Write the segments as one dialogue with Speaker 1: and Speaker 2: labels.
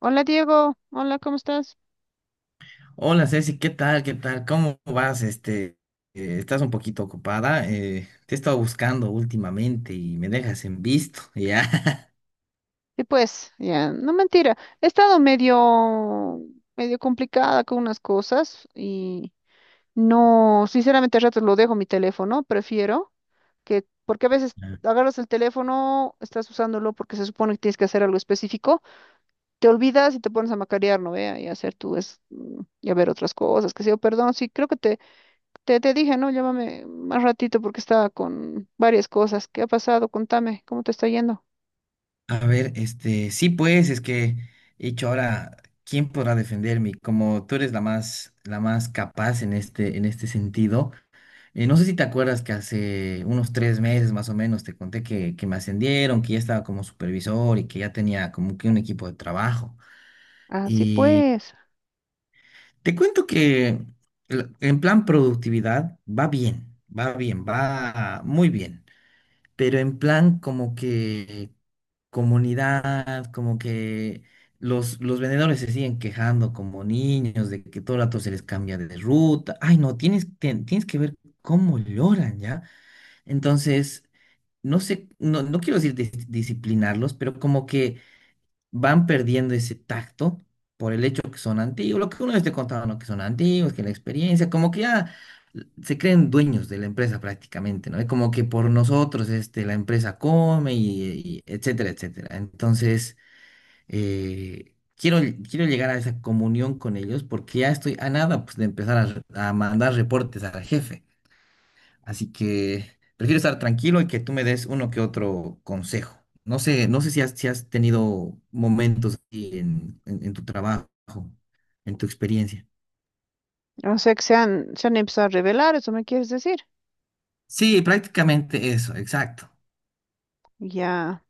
Speaker 1: Hola Diego, hola, ¿cómo estás?
Speaker 2: Hola Ceci, ¿qué tal? ¿Qué tal? ¿Cómo vas? Estás un poquito ocupada. Te he estado buscando últimamente y me dejas en visto, ¿ya?
Speaker 1: Y pues, ya, no mentira, he estado medio complicada con unas cosas y no, sinceramente a ratos lo dejo mi teléfono, prefiero que, porque a veces agarras el teléfono, estás usándolo porque se supone que tienes que hacer algo específico, te olvidas y te pones a macarear, ¿no? Vea, y a hacer tú es, y a ver otras cosas, que sé yo, perdón, sí, creo que te dije, ¿no? Llámame más ratito porque estaba con varias cosas. ¿Qué ha pasado? Contame, ¿cómo te está yendo?
Speaker 2: A ver, sí, pues, es que he dicho ahora, ¿quién podrá defenderme? Como tú eres la más capaz en en este sentido. No sé si te acuerdas que hace unos tres meses más o menos te conté que me ascendieron, que ya estaba como supervisor y que ya tenía como que un equipo de trabajo.
Speaker 1: Así pues,
Speaker 2: Te cuento que en plan productividad va muy bien, pero en plan como que comunidad, como que los vendedores se siguen quejando como niños de que todo el rato se les cambia de ruta. Ay, no, tienes que ver cómo lloran, ¿ya? Entonces, no sé, no quiero decir disciplinarlos, pero como que van perdiendo ese tacto por el hecho que son antiguos, lo que uno les te contaba, ¿no? Que son antiguos, que la experiencia, como que ya se creen dueños de la empresa prácticamente, ¿no? Es como que por nosotros, este, la empresa come y etcétera, etcétera. Entonces, eh, quiero, quiero llegar a esa comunión con ellos porque ya estoy a nada, pues, de empezar a mandar reportes al jefe. Así que prefiero estar tranquilo y que tú me des uno que otro consejo. No sé, si has tenido momentos así en, en tu trabajo, en tu experiencia.
Speaker 1: o sea que se han empezado a revelar, ¿eso me quieres decir?
Speaker 2: Sí, prácticamente eso, exacto.
Speaker 1: Ya,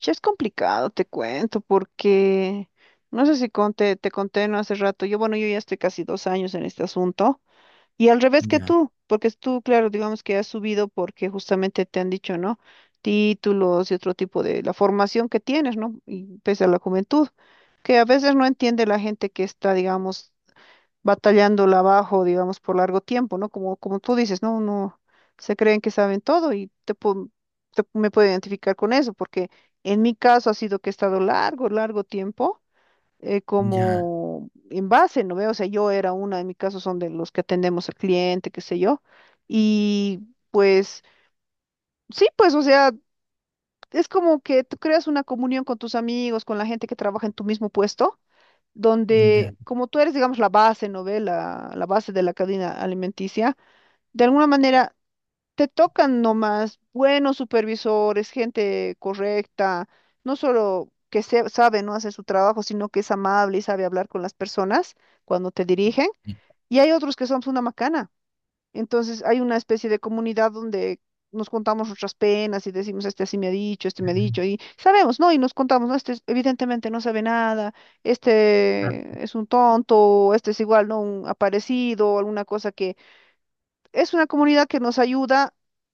Speaker 1: ya es complicado, te cuento, porque no sé si conté, te conté no hace rato, yo bueno, yo ya estoy casi dos años en este asunto, y al revés que
Speaker 2: Ya,
Speaker 1: tú, porque tú, claro, digamos que has subido porque justamente te han dicho, ¿no? Títulos y otro tipo de la formación que tienes, ¿no? Y pese a la juventud, que a veces no entiende la gente que está, digamos, batallándola abajo, digamos, por largo tiempo, ¿no? Como, como tú dices, ¿no? Uno se creen que saben todo y te, me puedo identificar con eso, porque en mi caso ha sido que he estado largo, largo tiempo
Speaker 2: ya,
Speaker 1: como en base, ¿no veo? O sea, yo era una, en mi caso son de los que atendemos al cliente, qué sé yo, y pues sí, pues, o sea, es como que tú creas una comunión con tus amigos, con la gente que trabaja en tu mismo puesto
Speaker 2: ya.
Speaker 1: donde, como tú eres, digamos, la base, ¿no ve? La base de la cadena alimenticia, de alguna manera te tocan nomás buenos supervisores, gente correcta, no solo que se, sabe, no hace su trabajo, sino que es amable y sabe hablar con las personas cuando te dirigen.
Speaker 2: Ya,
Speaker 1: Y hay otros que son una macana. Entonces hay una especie de comunidad donde nos contamos nuestras penas y decimos, este así me ha dicho, este me ha dicho, y sabemos, ¿no? Y nos contamos, ¿no? Evidentemente no sabe nada, este es un tonto, o este es igual, ¿no? Un aparecido, o alguna cosa que... Es una comunidad que nos ayuda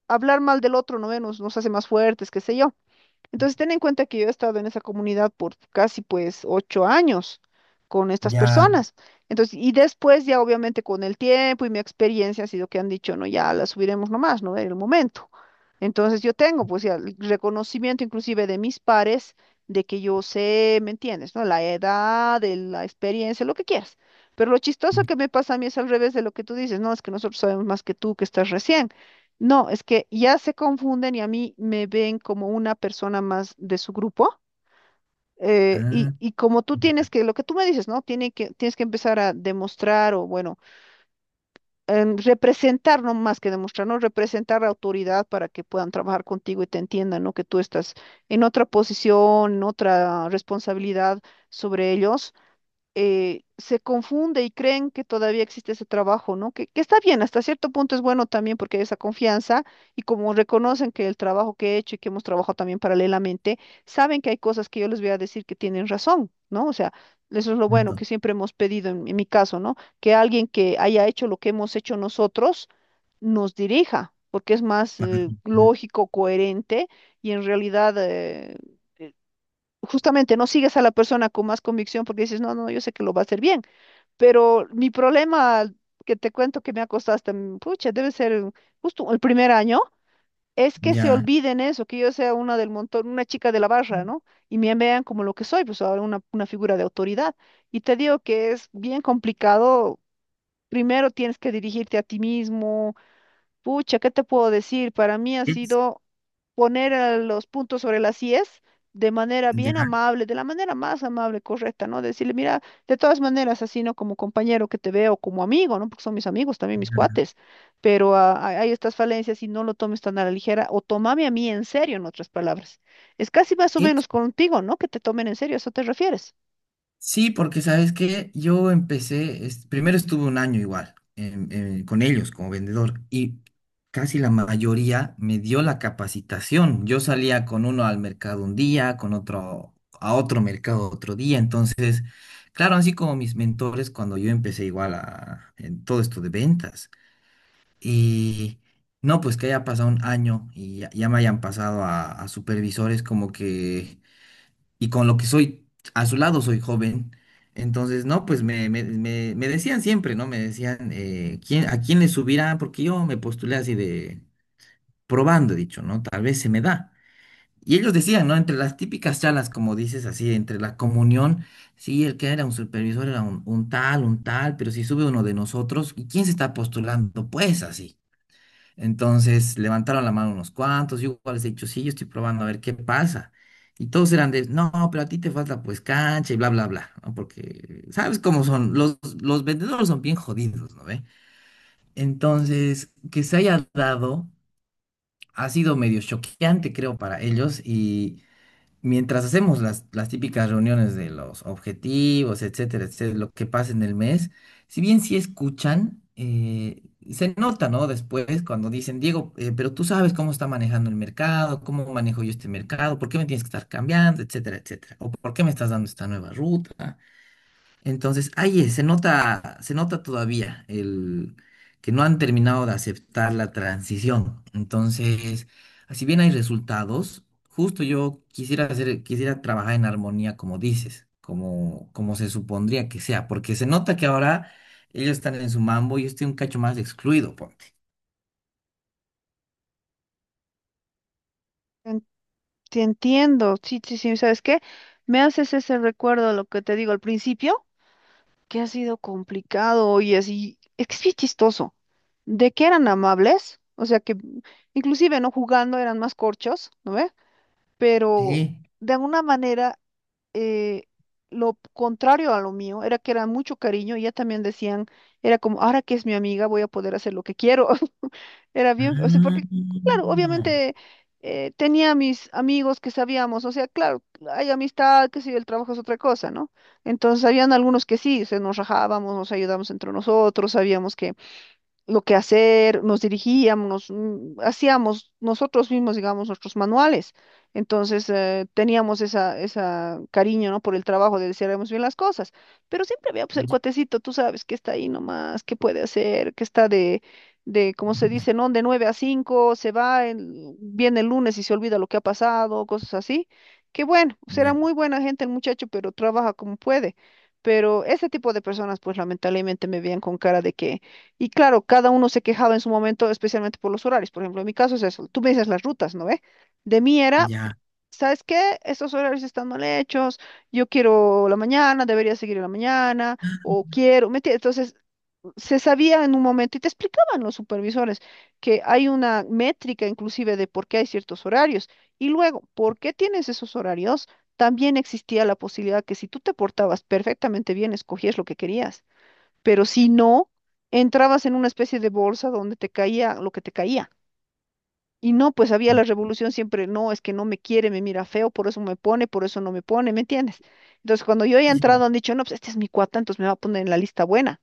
Speaker 1: a hablar mal del otro, ¿no? Nos hace más fuertes, qué sé yo. Entonces, ten en cuenta que yo he estado en esa comunidad por casi pues ocho años con estas
Speaker 2: ya.
Speaker 1: personas. Entonces, y después ya obviamente con el tiempo y mi experiencia ha sido que han dicho, no, ya la subiremos nomás, ¿no? En el momento. Entonces, yo tengo pues ya el reconocimiento inclusive de mis pares de que yo sé, ¿me entiendes? ¿No? La edad, de la experiencia, lo que quieras. Pero lo chistoso que me pasa a mí es al revés de lo que tú dices, no, es que nosotros sabemos más que tú que estás recién. No, es que ya se confunden y a mí me ven como una persona más de su grupo. Y,
Speaker 2: Ah,
Speaker 1: como tú
Speaker 2: ya.
Speaker 1: tienes que, lo que tú me dices, ¿no? Tienes que empezar a demostrar o, bueno, representar, no más que demostrar, ¿no? Representar la autoridad para que puedan trabajar contigo y te entiendan, ¿no? Que tú estás en otra posición, en otra responsabilidad sobre ellos. Se confunde y creen que todavía existe ese trabajo, ¿no? Que está bien, hasta cierto punto es bueno también porque hay esa confianza y como reconocen que el trabajo que he hecho y que hemos trabajado también paralelamente, saben que hay cosas que yo les voy a decir que tienen razón, ¿no? O sea, eso es lo bueno que
Speaker 2: Pronto,
Speaker 1: siempre hemos pedido en mi caso, ¿no? Que alguien que haya hecho lo que hemos hecho nosotros nos dirija, porque es más
Speaker 2: para comprar,
Speaker 1: lógico, coherente y en realidad... justamente no sigues a la persona con más convicción porque dices, no, no, yo sé que lo va a hacer bien, pero mi problema que te cuento que me ha costado hasta, pucha, debe ser justo el primer año, es que se
Speaker 2: ya.
Speaker 1: olviden eso, que yo sea una del montón, una chica de la barra, ¿no? Y me vean como lo que soy, pues ahora una figura de autoridad. Y te digo que es bien complicado. Primero tienes que dirigirte a ti mismo. Pucha, ¿qué te puedo decir? Para mí ha
Speaker 2: Es,
Speaker 1: sido poner a los puntos sobre las IES de manera
Speaker 2: ya.
Speaker 1: bien amable, de la manera más amable, correcta, ¿no? Decirle, mira, de todas maneras, así, ¿no? Como compañero que te veo, como amigo, ¿no? Porque son mis amigos, también mis cuates, pero hay estas falencias y no lo tomes tan a la ligera o tomame a mí en serio, en otras palabras. Es casi más o menos contigo, ¿no? Que te tomen en serio, ¿a eso te refieres?
Speaker 2: Sí, porque sabes que yo empecé, primero estuve un año igual con ellos como vendedor y casi la mayoría me dio la capacitación. Yo salía con uno al mercado un día, con otro a otro mercado otro día. Entonces, claro, así como mis mentores cuando yo empecé igual a, en todo esto de ventas. Y no, pues que haya pasado un año y ya me hayan pasado a supervisores como que y con lo que soy, a su lado soy joven. Entonces, no, pues me decían siempre, ¿no? Me decían, ¿a quién le subirá? Porque yo me postulé así de probando, he dicho, ¿no? Tal vez se me da. Y ellos decían, ¿no? Entre las típicas charlas, como dices, así, entre la comunión, sí, el que era un supervisor era un tal, pero si sube uno de nosotros, ¿y quién se está postulando? Pues así. Entonces levantaron la mano unos cuantos, yo igual les he dicho, sí, yo estoy probando a ver qué pasa. Y todos eran de, no, pero a ti te falta pues cancha y bla, bla, bla, ¿no? Porque, ¿sabes cómo son? Los vendedores son bien jodidos, ¿no ve? Entonces, que se haya dado ha sido medio choqueante, creo, para ellos y mientras hacemos las típicas reuniones de los objetivos, etcétera, etcétera, lo que pasa en el mes, si bien sí escuchan, se nota, ¿no? Después cuando dicen, Diego, pero tú sabes cómo está manejando el mercado, cómo manejo yo este mercado, por qué me tienes que estar cambiando, etcétera, etcétera, o por qué me estás dando esta nueva ruta. Entonces, ahí es, se nota todavía el que no han terminado de aceptar la transición. Entonces, así bien hay resultados, justo yo quisiera hacer, quisiera trabajar en armonía, como dices, como se supondría que sea, porque se nota que ahora ellos están en su mambo y yo estoy un cacho más excluido, ponte.
Speaker 1: En- Te entiendo, sí, sí, sí, ¿sabes qué? Me haces ese recuerdo, de lo que te digo al principio, que ha sido complicado, y así, es que es bien chistoso. ¿De que eran amables? O sea que inclusive no jugando eran más corchos, ¿no ve? Pero
Speaker 2: Sí.
Speaker 1: de alguna manera eh, lo contrario a lo mío era que era mucho cariño, y ya también decían, era como, ahora que es mi amiga voy a poder hacer lo que quiero. Era bien, o sea,
Speaker 2: Ah,
Speaker 1: porque, claro, obviamente tenía mis amigos que sabíamos, o sea, claro, hay amistad, que si el trabajo es otra cosa, ¿no? Entonces, habían algunos que sí, se nos rajábamos, nos ayudábamos entre nosotros, sabíamos que lo que hacer, nos dirigíamos, hacíamos nosotros mismos, digamos, nuestros manuales. Entonces, teníamos esa cariño, ¿no? Por el trabajo de decir, haremos bien las cosas. Pero siempre había, pues, el
Speaker 2: ya,
Speaker 1: cuatecito, tú sabes, que está ahí nomás, que puede hacer, que está de, ¿cómo se dice, no? De 9 a 5 se va, viene el lunes y se olvida lo que ha pasado, cosas así. Que bueno, será
Speaker 2: ya,
Speaker 1: muy buena gente el muchacho, pero trabaja como puede. Pero ese tipo de personas, pues, lamentablemente me veían con cara de que y claro, cada uno se quejaba en su momento, especialmente por los horarios. Por ejemplo, en mi caso es eso. Tú me dices las rutas, ¿no ve? De mí era,
Speaker 2: ya.
Speaker 1: ¿sabes qué? Estos horarios están mal hechos. Yo quiero la mañana, debería seguir en la mañana, o quiero. ¿Me entiendes? Entonces, se sabía en un momento y te explicaban los supervisores que hay una métrica inclusive de por qué hay ciertos horarios. Y luego, ¿por qué tienes esos horarios? También existía la posibilidad que si tú te portabas perfectamente bien, escogías lo que querías, pero si no, entrabas en una especie de bolsa donde te caía lo que te caía. Y no, pues había la revolución siempre, no, es que no me quiere, me mira feo, por eso me pone, por eso no me pone, ¿me entiendes? Entonces, cuando yo he entrado,
Speaker 2: Sí,
Speaker 1: han dicho, no, pues este es mi cuata, entonces me va a poner en la lista buena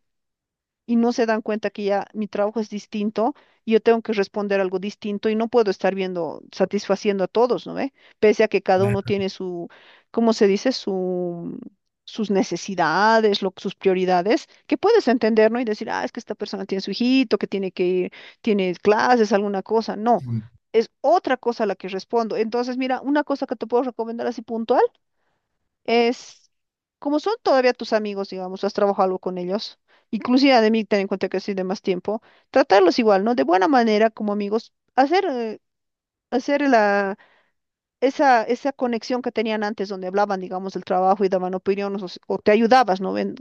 Speaker 1: y no se dan cuenta que ya mi trabajo es distinto y yo tengo que responder algo distinto y no puedo estar viendo, satisfaciendo a todos, ¿no ve? Pese a que cada uno
Speaker 2: claro.
Speaker 1: tiene su, ¿cómo se dice? Su, sus necesidades, sus prioridades, que puedes entender, ¿no? Y decir, ah, es que esta persona tiene su hijito, que tiene que ir, tiene clases, alguna cosa. No.
Speaker 2: Sí.
Speaker 1: Es otra cosa a la que respondo. Entonces, mira, una cosa que te puedo recomendar así puntual es, como son todavía tus amigos, digamos, has trabajado algo con ellos, inclusive de mí, ten en cuenta que soy de más tiempo, tratarlos igual, ¿no? De buena manera como amigos, hacer, hacer la, esa conexión que tenían antes, donde hablaban, digamos, del trabajo y daban opiniones o, o te ayudabas, ¿no? Ven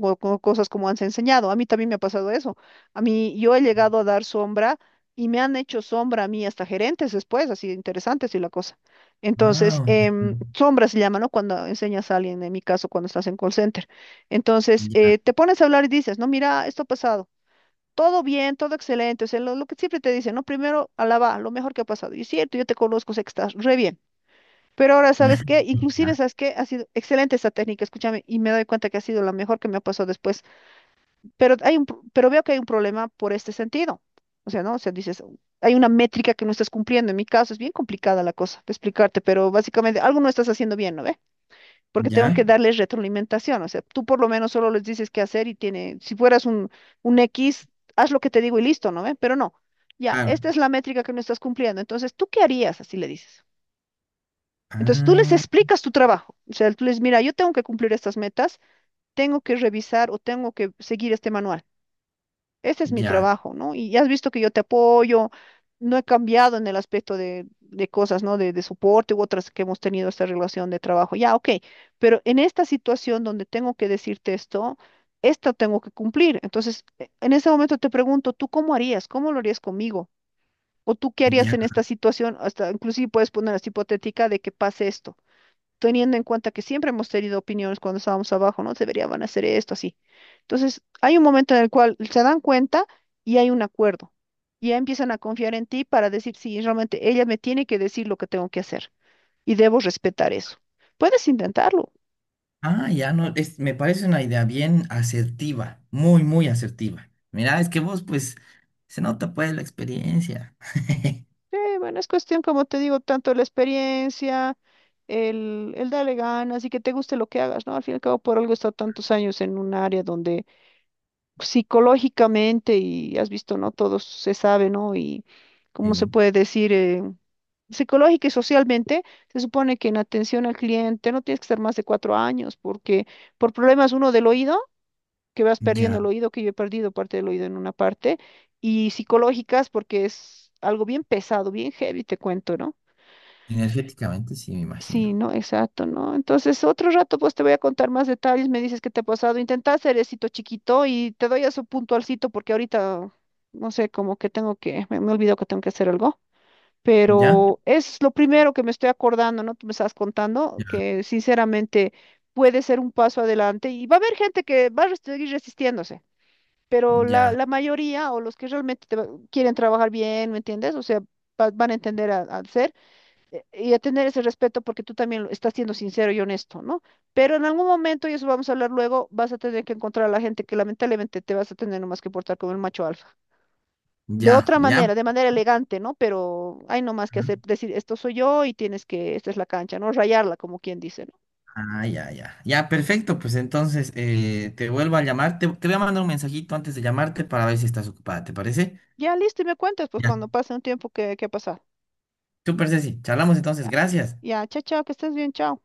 Speaker 1: o, con cosas como han enseñado. A mí también me ha pasado eso. A mí, yo he llegado a dar sombra y me han hecho sombra a mí hasta gerentes después, así interesante y la cosa. Entonces,
Speaker 2: Wow.
Speaker 1: sombra se llama, ¿no? Cuando enseñas a alguien, en mi caso, cuando estás en call center. Entonces,
Speaker 2: Ya.
Speaker 1: te pones a hablar y dices, no, mira, esto ha pasado. Todo bien, todo excelente, o sea, lo que siempre te dicen, ¿no? Primero, alaba lo mejor que ha pasado. Y es cierto, yo te conozco, sé que estás re bien. Pero ahora, ¿sabes qué? Inclusive, ¿sabes qué? Ha sido excelente esta técnica, escúchame, y me doy cuenta que ha sido la mejor que me ha pasado después. Pero hay un, pero veo que hay un problema por este sentido. O sea, ¿no? O sea, dices, hay una métrica que no estás cumpliendo. En mi caso es bien complicada la cosa de explicarte, pero básicamente algo no estás haciendo bien, ¿no ve? Porque tengo que
Speaker 2: Ya,
Speaker 1: darles retroalimentación. O sea, tú por lo menos solo les dices qué hacer y tiene, si fueras un X, haz lo que te digo y listo, ¿no ve? Pero no. Ya,
Speaker 2: claro.
Speaker 1: esta es la métrica que no estás cumpliendo. Entonces, ¿tú qué harías? Así le dices. Entonces tú les
Speaker 2: Ah,
Speaker 1: explicas tu trabajo. O sea, tú les, mira, yo tengo que cumplir estas metas, tengo que revisar o tengo que seguir este manual. Este es mi
Speaker 2: ya,
Speaker 1: trabajo, ¿no? Y ya has visto que yo te apoyo, no he cambiado en el aspecto de cosas, ¿no? De soporte u otras que hemos tenido esta relación de trabajo. Ya, ok, pero en esta situación donde tengo que decirte esto, esto tengo que cumplir. Entonces, en ese momento te pregunto, ¿tú cómo harías? ¿Cómo lo harías conmigo? ¿O tú qué harías
Speaker 2: ya.
Speaker 1: en esta situación? Hasta inclusive puedes poner así hipotética de que pase esto teniendo en cuenta que siempre hemos tenido opiniones cuando estábamos abajo, ¿no? Deberían hacer esto, así. Entonces, hay un momento en el cual se dan cuenta y hay un acuerdo. Y ya empiezan a confiar en ti para decir, sí, realmente ella me tiene que decir lo que tengo que hacer y debo respetar eso. Puedes intentarlo.
Speaker 2: Ah, ya no, es, me parece una idea bien asertiva, muy asertiva. Mira, es que vos, pues, se nota pues la experiencia.
Speaker 1: Sí, bueno, es cuestión, como te digo, tanto la experiencia, el darle ganas y que te guste lo que hagas, ¿no? Al fin y al cabo, por algo he estado tantos años en un área donde psicológicamente y has visto, ¿no? Todo se sabe, ¿no? Y cómo se
Speaker 2: Sí,
Speaker 1: puede decir, psicológica y socialmente, se supone que en atención al cliente no tienes que estar más de 4 años, porque por problemas uno del oído, que vas perdiendo
Speaker 2: ya,
Speaker 1: el oído, que yo he perdido parte del oído en una parte, y psicológicas porque es algo bien pesado, bien heavy, te cuento, ¿no?
Speaker 2: energéticamente sí, me
Speaker 1: Sí,
Speaker 2: imagino.
Speaker 1: no, exacto, ¿no? Entonces, otro rato, pues te voy a contar más detalles, me dices qué te ha pasado. Intenta hacer éxito chiquito y te doy eso puntualcito porque ahorita, no sé, como que tengo que, me olvidó que tengo que hacer algo.
Speaker 2: Ya,
Speaker 1: Pero es lo primero que me estoy acordando, ¿no? Tú me estás contando
Speaker 2: ya,
Speaker 1: que sinceramente puede ser un paso adelante y va a haber gente que va a seguir resistiéndose, pero la,
Speaker 2: ya,
Speaker 1: la mayoría o los que realmente quieren trabajar bien, ¿me entiendes? O sea, van a entender al ser y a tener ese respeto porque tú también estás siendo sincero y honesto, ¿no? Pero en algún momento, y eso vamos a hablar luego, vas a tener que encontrar a la gente que lamentablemente te vas a tener nomás que portar como el macho alfa. De
Speaker 2: ya,
Speaker 1: otra
Speaker 2: ya.
Speaker 1: manera, de manera elegante, ¿no? Pero hay nomás que
Speaker 2: Ujú.
Speaker 1: hacer, decir, esto soy yo y tienes que, esta es la cancha, ¿no? Rayarla, como quien dice, ¿no?
Speaker 2: Ah, ya, ya. Ya, perfecto, pues entonces te vuelvo a llamar, te voy a mandar un mensajito antes de llamarte para ver si estás ocupada, ¿te parece?
Speaker 1: Ya listo, y me cuentas, pues
Speaker 2: Ya.
Speaker 1: cuando pase un tiempo qué ha pasado.
Speaker 2: Súper, Ceci, charlamos entonces,
Speaker 1: Ya,
Speaker 2: gracias.
Speaker 1: ya, chao, chao, que estés bien, chao.